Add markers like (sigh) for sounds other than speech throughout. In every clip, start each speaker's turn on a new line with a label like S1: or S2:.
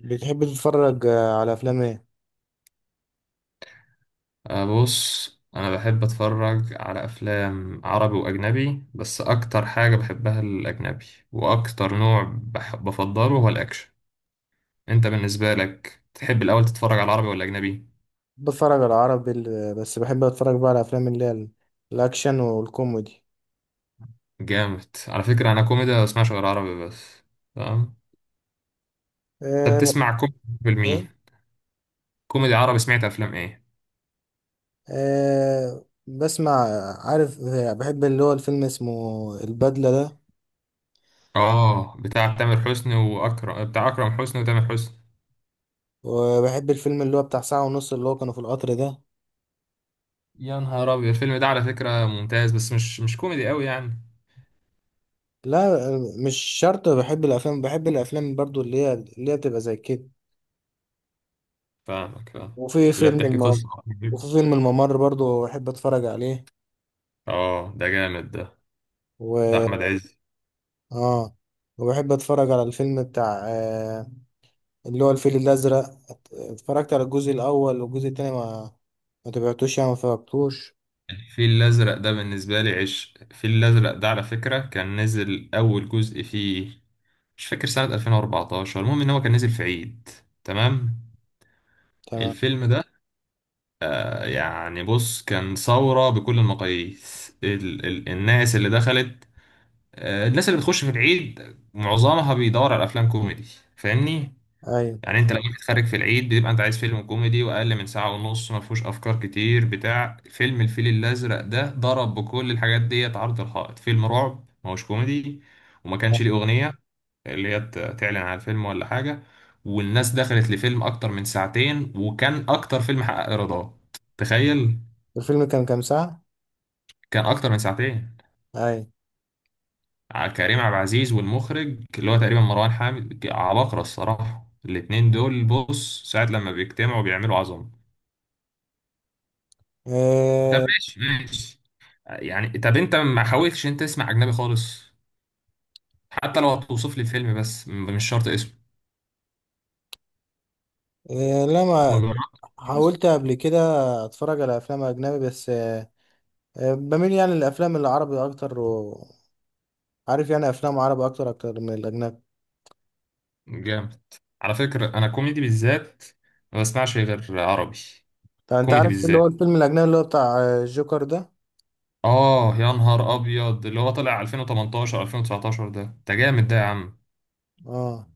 S1: بتحب تتفرج على افلام ايه؟
S2: بص انا بحب اتفرج على افلام عربي واجنبي، بس اكتر حاجة بحبها الاجنبي. واكتر نوع بفضله هو الاكشن. انت بالنسبة لك تحب الاول تتفرج على العربي ولا اجنبي؟
S1: بتفرج على عربي بس بحب اتفرج بقى على افلام الاكشن والكوميدي.
S2: جامد. على فكرة انا كوميدي ما بسمعش غير عربي بس. تمام. انت
S1: أه.
S2: بتسمع كوميدي بالمية؟ كوميدي عربي سمعت افلام ايه؟
S1: أه بسمع. عارف، بحب اللي هو الفيلم اسمه البدلة ده.
S2: اه، بتاع تامر حسني واكرم، بتاع اكرم حسني وتامر حسني.
S1: وبحب الفيلم اللي هو بتاع 1:30 اللي هو كانوا في القطر ده.
S2: يا نهار ابيض، الفيلم ده على فكرة ممتاز، بس مش كوميدي قوي يعني.
S1: لا مش شرط، بحب الافلام، بحب الافلام برضو اللي هي بتبقى زي كده.
S2: فاهمك، فاهم.
S1: وفي
S2: اللي هي
S1: فيلم
S2: بتحكي
S1: الم...
S2: قصة.
S1: وفي فيلم الممر برضو بحب اتفرج عليه.
S2: اه، ده جامد ده، بتاع أحمد عز.
S1: اه. وبحب اتفرج على الفيلم بتاع اللي هو الفيل الازرق. اتفرجت على الجزء 1 والجزء التاني، ما تبعتوش، يعني ما فرجتوش.
S2: الفيل الأزرق ده بالنسبة لي عش، الفيل الأزرق ده على فكرة كان نزل أول جزء فيه مش فاكر سنة 2014، المهم إن هو كان نزل في عيد. تمام.
S1: تمام.
S2: الفيلم ده يعني بص كان ثورة بكل المقاييس. ال ال الناس اللي دخلت، الناس اللي بتخش في العيد معظمها بيدور على أفلام كوميدي. فاهمني.
S1: ايوه.
S2: يعني انت لما بتتخرج في العيد بتبقى انت عايز فيلم كوميدي واقل من ساعه ونص، ما فيهوش افكار كتير. بتاع فيلم الفيل الازرق ده ضرب بكل الحاجات ديت عرض الحائط. فيلم رعب، ما هوش كوميدي، وما كانش ليه اغنيه تعلن على الفيلم ولا حاجه. والناس دخلت لفيلم اكتر من ساعتين، وكان اكتر فيلم حقق ايرادات. تخيل،
S1: الفيلم كان كام ساعة؟
S2: كان اكتر من ساعتين.
S1: ايوه.
S2: كريم عبد العزيز والمخرج اللي هو تقريبا مروان حامد، عباقرة الصراحة الاتنين دول. بص ساعة لما بيجتمعوا بيعملوا عظمة. طب
S1: آه.
S2: ماشي ماشي. يعني طب انت ما حاولتش انت تسمع اجنبي خالص؟ حتى لو هتوصف لي فيلم بس مش شرط اسمه.
S1: آه
S2: ما
S1: لما
S2: جربتش؟
S1: حاولت قبل كده اتفرج على افلام اجنبي، بس آه آه، بميل يعني للافلام العربي اكتر، وعارف يعني افلام عربي اكتر من الاجنبي.
S2: جامد. على فكرة انا كوميدي بالذات ما بسمعش غير عربي.
S1: طب انت
S2: كوميدي
S1: عارف اللي
S2: بالذات،
S1: هو الفيلم الاجنبي اللي هو بتاع الجوكر ده؟
S2: اه يا نهار ابيض اللي هو طلع 2018 2019. ده جامد ده يا عم.
S1: اه.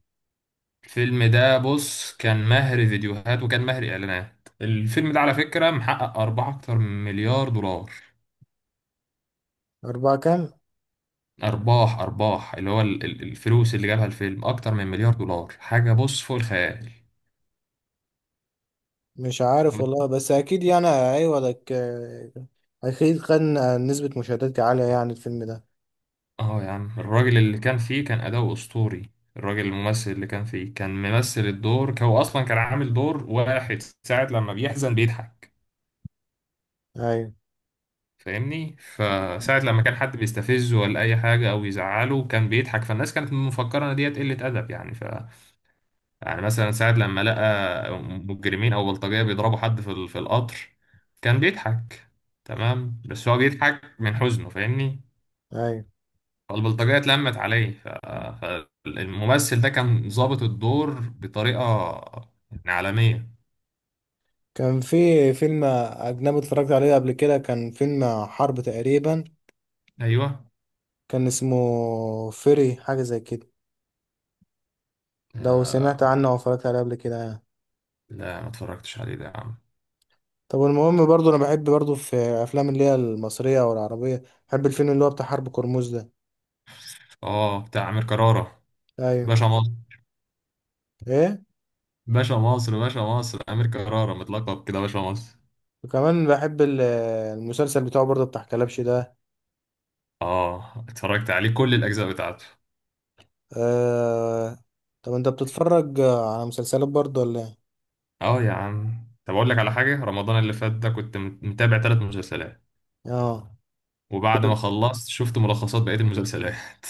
S2: الفيلم ده بص كان مهر فيديوهات وكان مهر اعلانات. الفيلم ده على فكرة محقق أربعة، أكتر من مليار دولار.
S1: اربعة كام؟
S2: ارباح، ارباح اللي هو الفلوس اللي جابها الفيلم اكتر من مليار دولار، حاجه بص فوق الخيال.
S1: مش عارف
S2: وت-
S1: والله، بس اكيد يعني، ايوه لك، اكيد كان نسبة مشاهدات عالية يعني الفيلم ده.
S2: اه يا عم الراجل اللي كان فيه كان اداؤه اسطوري. الراجل الممثل اللي كان فيه كان ممثل الدور هو اصلا كان عامل دور واحد. ساعه لما بيحزن بيضحك،
S1: ايوه.
S2: فاهمني. فساعه لما كان حد بيستفزه ولا اي حاجه او يزعله كان بيضحك، فالناس كانت مفكره ان ديت قله ادب يعني. يعني مثلا ساعة لما لقى مجرمين أو بلطجية بيضربوا حد في القطر كان بيضحك. تمام، بس هو بيضحك من حزنه فاهمني.
S1: ايوه.
S2: فالبلطجية اتلمت عليه، فالممثل ده كان ظابط الدور بطريقة يعني عالمية.
S1: كان في فيلم اجنبي اتفرجت عليه قبل كده، كان فيلم حرب تقريبا،
S2: أيوه.
S1: كان اسمه فيري، حاجة زي كده. لو سمعت عنه او اتفرجت عليه قبل كده يعني.
S2: لا ما اتفرجتش عليه ده يا عم.
S1: طب المهم برضو انا بحب برضو في افلام اللي هي المصرية او العربية، بحب الفيلم اللي هو بتاع حرب كرموز ده.
S2: اه، بتاع أمير كرارة.
S1: ايوه.
S2: باشا مصر.
S1: ايه.
S2: باشا مصر، باشا مصر، أمير كرارة متلقب كده باشا مصر.
S1: وكمان بحب المسلسل بتاعه برضه بتاع كلبش ده.
S2: اه اتفرجت عليه كل الأجزاء بتاعته.
S1: آه. طب انت بتتفرج على مسلسلات برضو ولا ايه؟
S2: اه يا عم، طب اقول لك على حاجه، رمضان اللي فات ده كنت متابع 3 مسلسلات،
S1: اه.
S2: وبعد ما
S1: كنت-
S2: خلصت شفت ملخصات بقيه المسلسلات.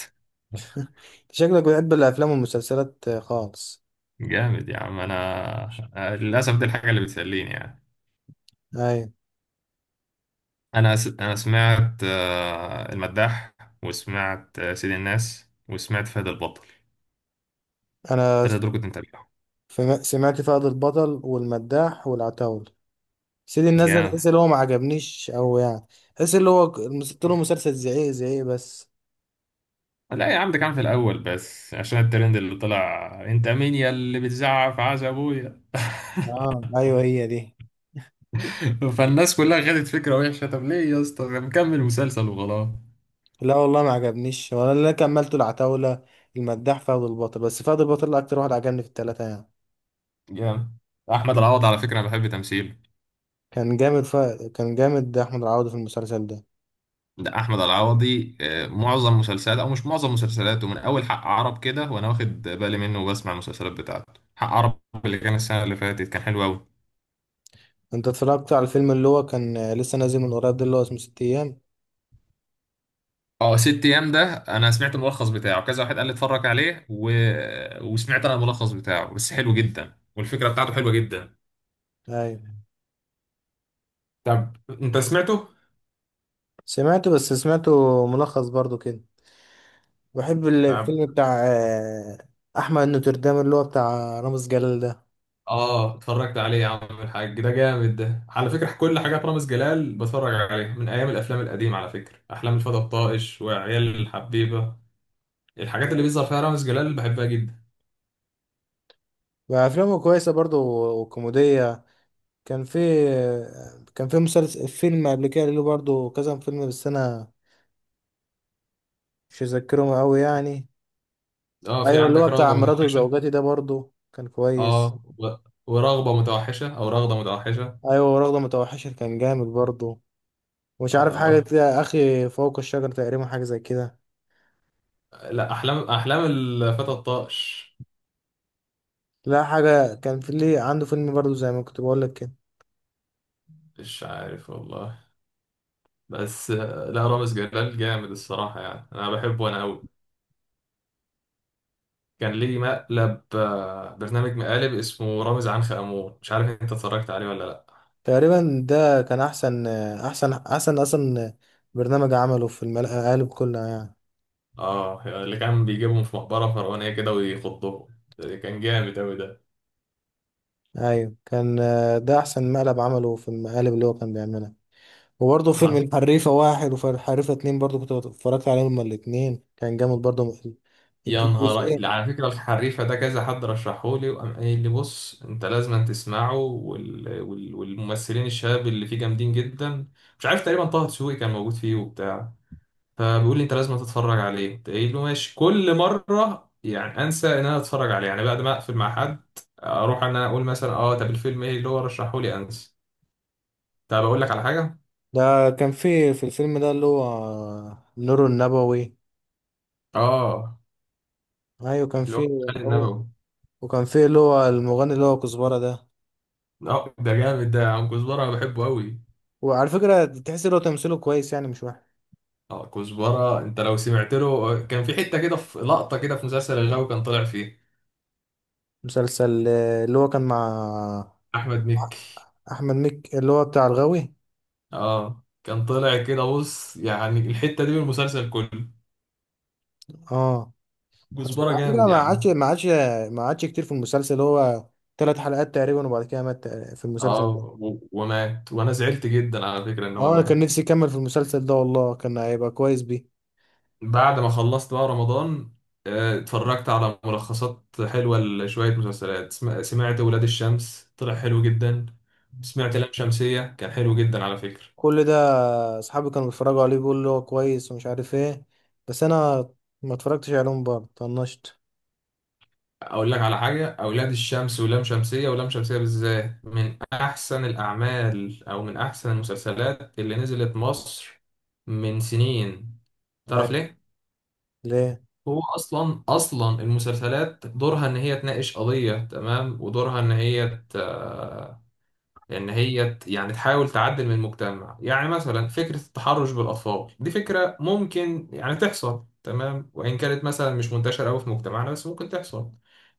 S1: شكلك بتحب الافلام والمسلسلات خالص.
S2: (laughs) جامد يا عم انا. أنا للاسف دي الحاجه اللي بتسليني يعني.
S1: ايوه.
S2: انا سمعت المداح، وسمعت سيد الناس، وسمعت فهد البطل.
S1: انا
S2: الثلاثه دول كنت متابعهم.
S1: سمعت فهد البطل والمداح والعتاول. سيدي الناس ده
S2: جامد.
S1: تحس اللي هو ما عجبنيش، او يعني تحس اللي هو مسكت له مسلسل زعيق زعيق بس.
S2: لا يا عم، ده كان في الاول بس عشان الترند اللي طلع، انت مين يا اللي بتزعق في عز ابويا.
S1: اه ايوه هي دي.
S2: فالناس كلها خدت فكرة وحشة. طب ليه يا اسطى مكمل مسلسل وخلاص.
S1: لا والله ما عجبنيش، ولا اللي أنا كملته العتاولة، المداح، فهد البطل، بس فهد البطل اكتر واحد عجبني في التلاتة يعني.
S2: جامد. احمد العوضي على فكره انا بحب تمثيله.
S1: كان جامد ف... كان جامد ده احمد العوضي في المسلسل ده.
S2: ده احمد العوضي معظم مسلسلاته، او مش معظم مسلسلاته، من اول حق عرب كده وانا واخد بالي منه وبسمع المسلسلات بتاعته. حق عرب اللي كان السنه اللي فاتت كان حلو قوي.
S1: انت اتفرجت على الفيلم اللي هو كان لسه نازل من قريب ده اللي هو اسمه ست ايام؟
S2: اه ست ايام، ده انا سمعت الملخص بتاعه. كذا واحد قال لي اتفرج عليه، وسمعت انا الملخص بتاعه بس حلو جدا، والفكره بتاعته حلوه جدا.
S1: ايوه.
S2: طب انت سمعته؟
S1: سمعته، بس سمعته ملخص برضو كده. بحب
S2: طب،
S1: الفيلم بتاع احمد نوتردام اللي هو بتاع رامز جلال ده.
S2: اه اتفرجت عليه يا عم الحاج. ده جامد ده على فكره. كل حاجات رامز جلال بتفرج عليها من ايام الافلام القديمه على فكره، احلام الفتى الطائش وعيال الحبيبه. الحاجات اللي بيظهر فيها رامز جلال بحبها جدا.
S1: وافلامه كويسه برضو وكوميديه. كان في كان في مسلسل فيلم قبل كده له برضو كذا فيلم، بس انا مش مذكرهم قوي يعني.
S2: اه، في
S1: ايوه اللي
S2: عندك
S1: هو بتاع
S2: رغبه
S1: مراته
S2: متوحشه.
S1: وزوجاتي ده برضو كان كويس.
S2: اه ورغبه متوحشه، او رغده متوحشه.
S1: ايوه ورغده متوحشه كان جامد برضو. مش عارف، حاجة
S2: اه،
S1: كده أخي فوق الشجر تقريبا، حاجة زي كده.
S2: لا، احلام، احلام الفتى الطائش.
S1: لا حاجة كان في ليه عنده فيلم برضو زي ما كنت بقول لك كده.
S2: مش عارف والله. بس لا رامز جلال جامد الصراحه يعني، انا بحبه انا قوي. كان ليه مقلب، برنامج مقالب اسمه رامز عنخ أمون، مش عارف انت اتفرجت عليه ولا لا.
S1: تقريبا ده كان أحسن أصلا برنامج عمله في المقالب كلها يعني.
S2: اه، اللي كان بيجيبهم في مقبرة فرعونية كده ويخضهم، ده كان جامد أوي ده.
S1: أيوة كان ده أحسن مقلب عمله في المقالب اللي هو كان بيعملها. وبرضه فيلم
S2: حص-
S1: الحريفة 1 وفي الحريفة 2 برضه كنت اتفرجت عليهم هما الاتنين، كان جامد برضه
S2: يا نهار
S1: الجزئين.
S2: على فكرة الحريفة ده كذا حد رشحهولي وقام قايل لي بص انت لازم تسمعه، والممثلين الشباب اللي فيه جامدين جدا. مش عارف تقريبا طه دسوقي كان موجود فيه وبتاع. فبيقول لي انت لازم تتفرج عليه، قلت له ماشي. كل مره يعني انسى ان انا اتفرج عليه، يعني بعد ما اقفل مع حد اروح ان انا اقول مثلا اه، طب الفيلم ايه اللي هو رشحه لي، انسى. طب اقول لك على حاجه.
S1: ده كان في الفيلم ده اللي هو نور النبوي.
S2: اه،
S1: أيوة كان
S2: اللي هو
S1: في
S2: خالد
S1: هو
S2: النبوي.
S1: وكان فيه اللي هو المغني اللي هو كزبرة ده.
S2: اه ده جامد ده يا عم، كزبره انا بحبه قوي.
S1: وعلى فكرة تحس اللي هو تمثيله كويس يعني مش وحش.
S2: اه كزبره انت لو سمعت له، كان في حته كده في لقطه كده في مسلسل الغاوي كان طالع فيه.
S1: مسلسل، اللي هو كان مع
S2: احمد مكي.
S1: أحمد مكي اللي هو بتاع الغاوي.
S2: اه كان طالع كده بص، يعني الحته دي من المسلسل كله.
S1: اه. بس
S2: كزبره
S1: على فكرة
S2: جامد يا
S1: ما عادش
S2: عم.
S1: ما عادش ما عادش كتير في المسلسل هو، 3 حلقات تقريبا وبعد كده مات، في المسلسل
S2: اه
S1: ده.
S2: ومات، وانا زعلت جدا على فكرة ان هو
S1: اه أنا
S2: مات.
S1: كان نفسي يكمل في المسلسل ده والله، كان هيبقى كويس بيه.
S2: بعد ما خلصت بقى رمضان، اتفرجت على ملخصات حلوة لشوية مسلسلات. سمعت ولاد الشمس طلع حلو جدا. سمعت لام شمسية كان حلو جدا على فكرة.
S1: كل ده أصحابي كانوا بيتفرجوا عليه بيقولوا اللي هو كويس ومش عارف ايه، بس أنا ما اتفرجتش عليهم برضه، طنشت.
S2: اقول لك على حاجة، اولاد الشمس ولام شمسية، ولام شمسية بالذات من احسن الاعمال، او من احسن المسلسلات اللي نزلت مصر من سنين. تعرف
S1: أيوة.
S2: ليه؟
S1: ليه؟
S2: هو اصلا المسلسلات دورها ان هي تناقش قضيه، تمام، ودورها ان هي ت... يعني تحاول تعدل من المجتمع. يعني مثلا فكره التحرش بالاطفال دي فكره ممكن يعني تحصل، تمام، وان كانت مثلا مش منتشره قوي في مجتمعنا بس ممكن تحصل.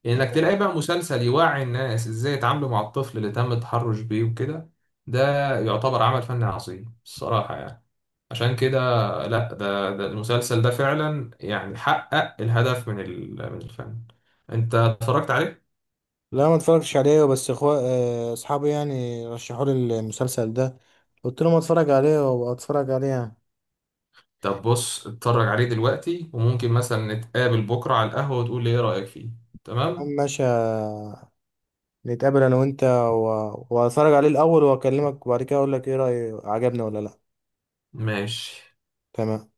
S2: انك تلاقي بقى مسلسل يوعي الناس ازاي يتعاملوا مع الطفل اللي تم التحرش بيه وكده، ده يعتبر عمل فني عظيم الصراحه يعني. عشان كده، لا ده, المسلسل ده فعلا يعني حقق الهدف من من الفن. انت اتفرجت عليه؟
S1: لا ما اتفرجتش عليه، بس اخوة، اصحابي يعني رشحوا لي المسلسل ده، قلت لهم اتفرج عليه، وابقى اتفرج عليه يعني.
S2: طب بص اتفرج عليه دلوقتي، وممكن مثلا نتقابل بكرة على القهوة وتقول لي ايه رأيك فيه.
S1: يا عم
S2: تمام.
S1: ماشي، نتقابل انا وانت، واتفرج عليه الاول واكلمك وبعد كده اقول لك ايه رأيي، عجبني ولا لا.
S2: ماشي.
S1: تمام.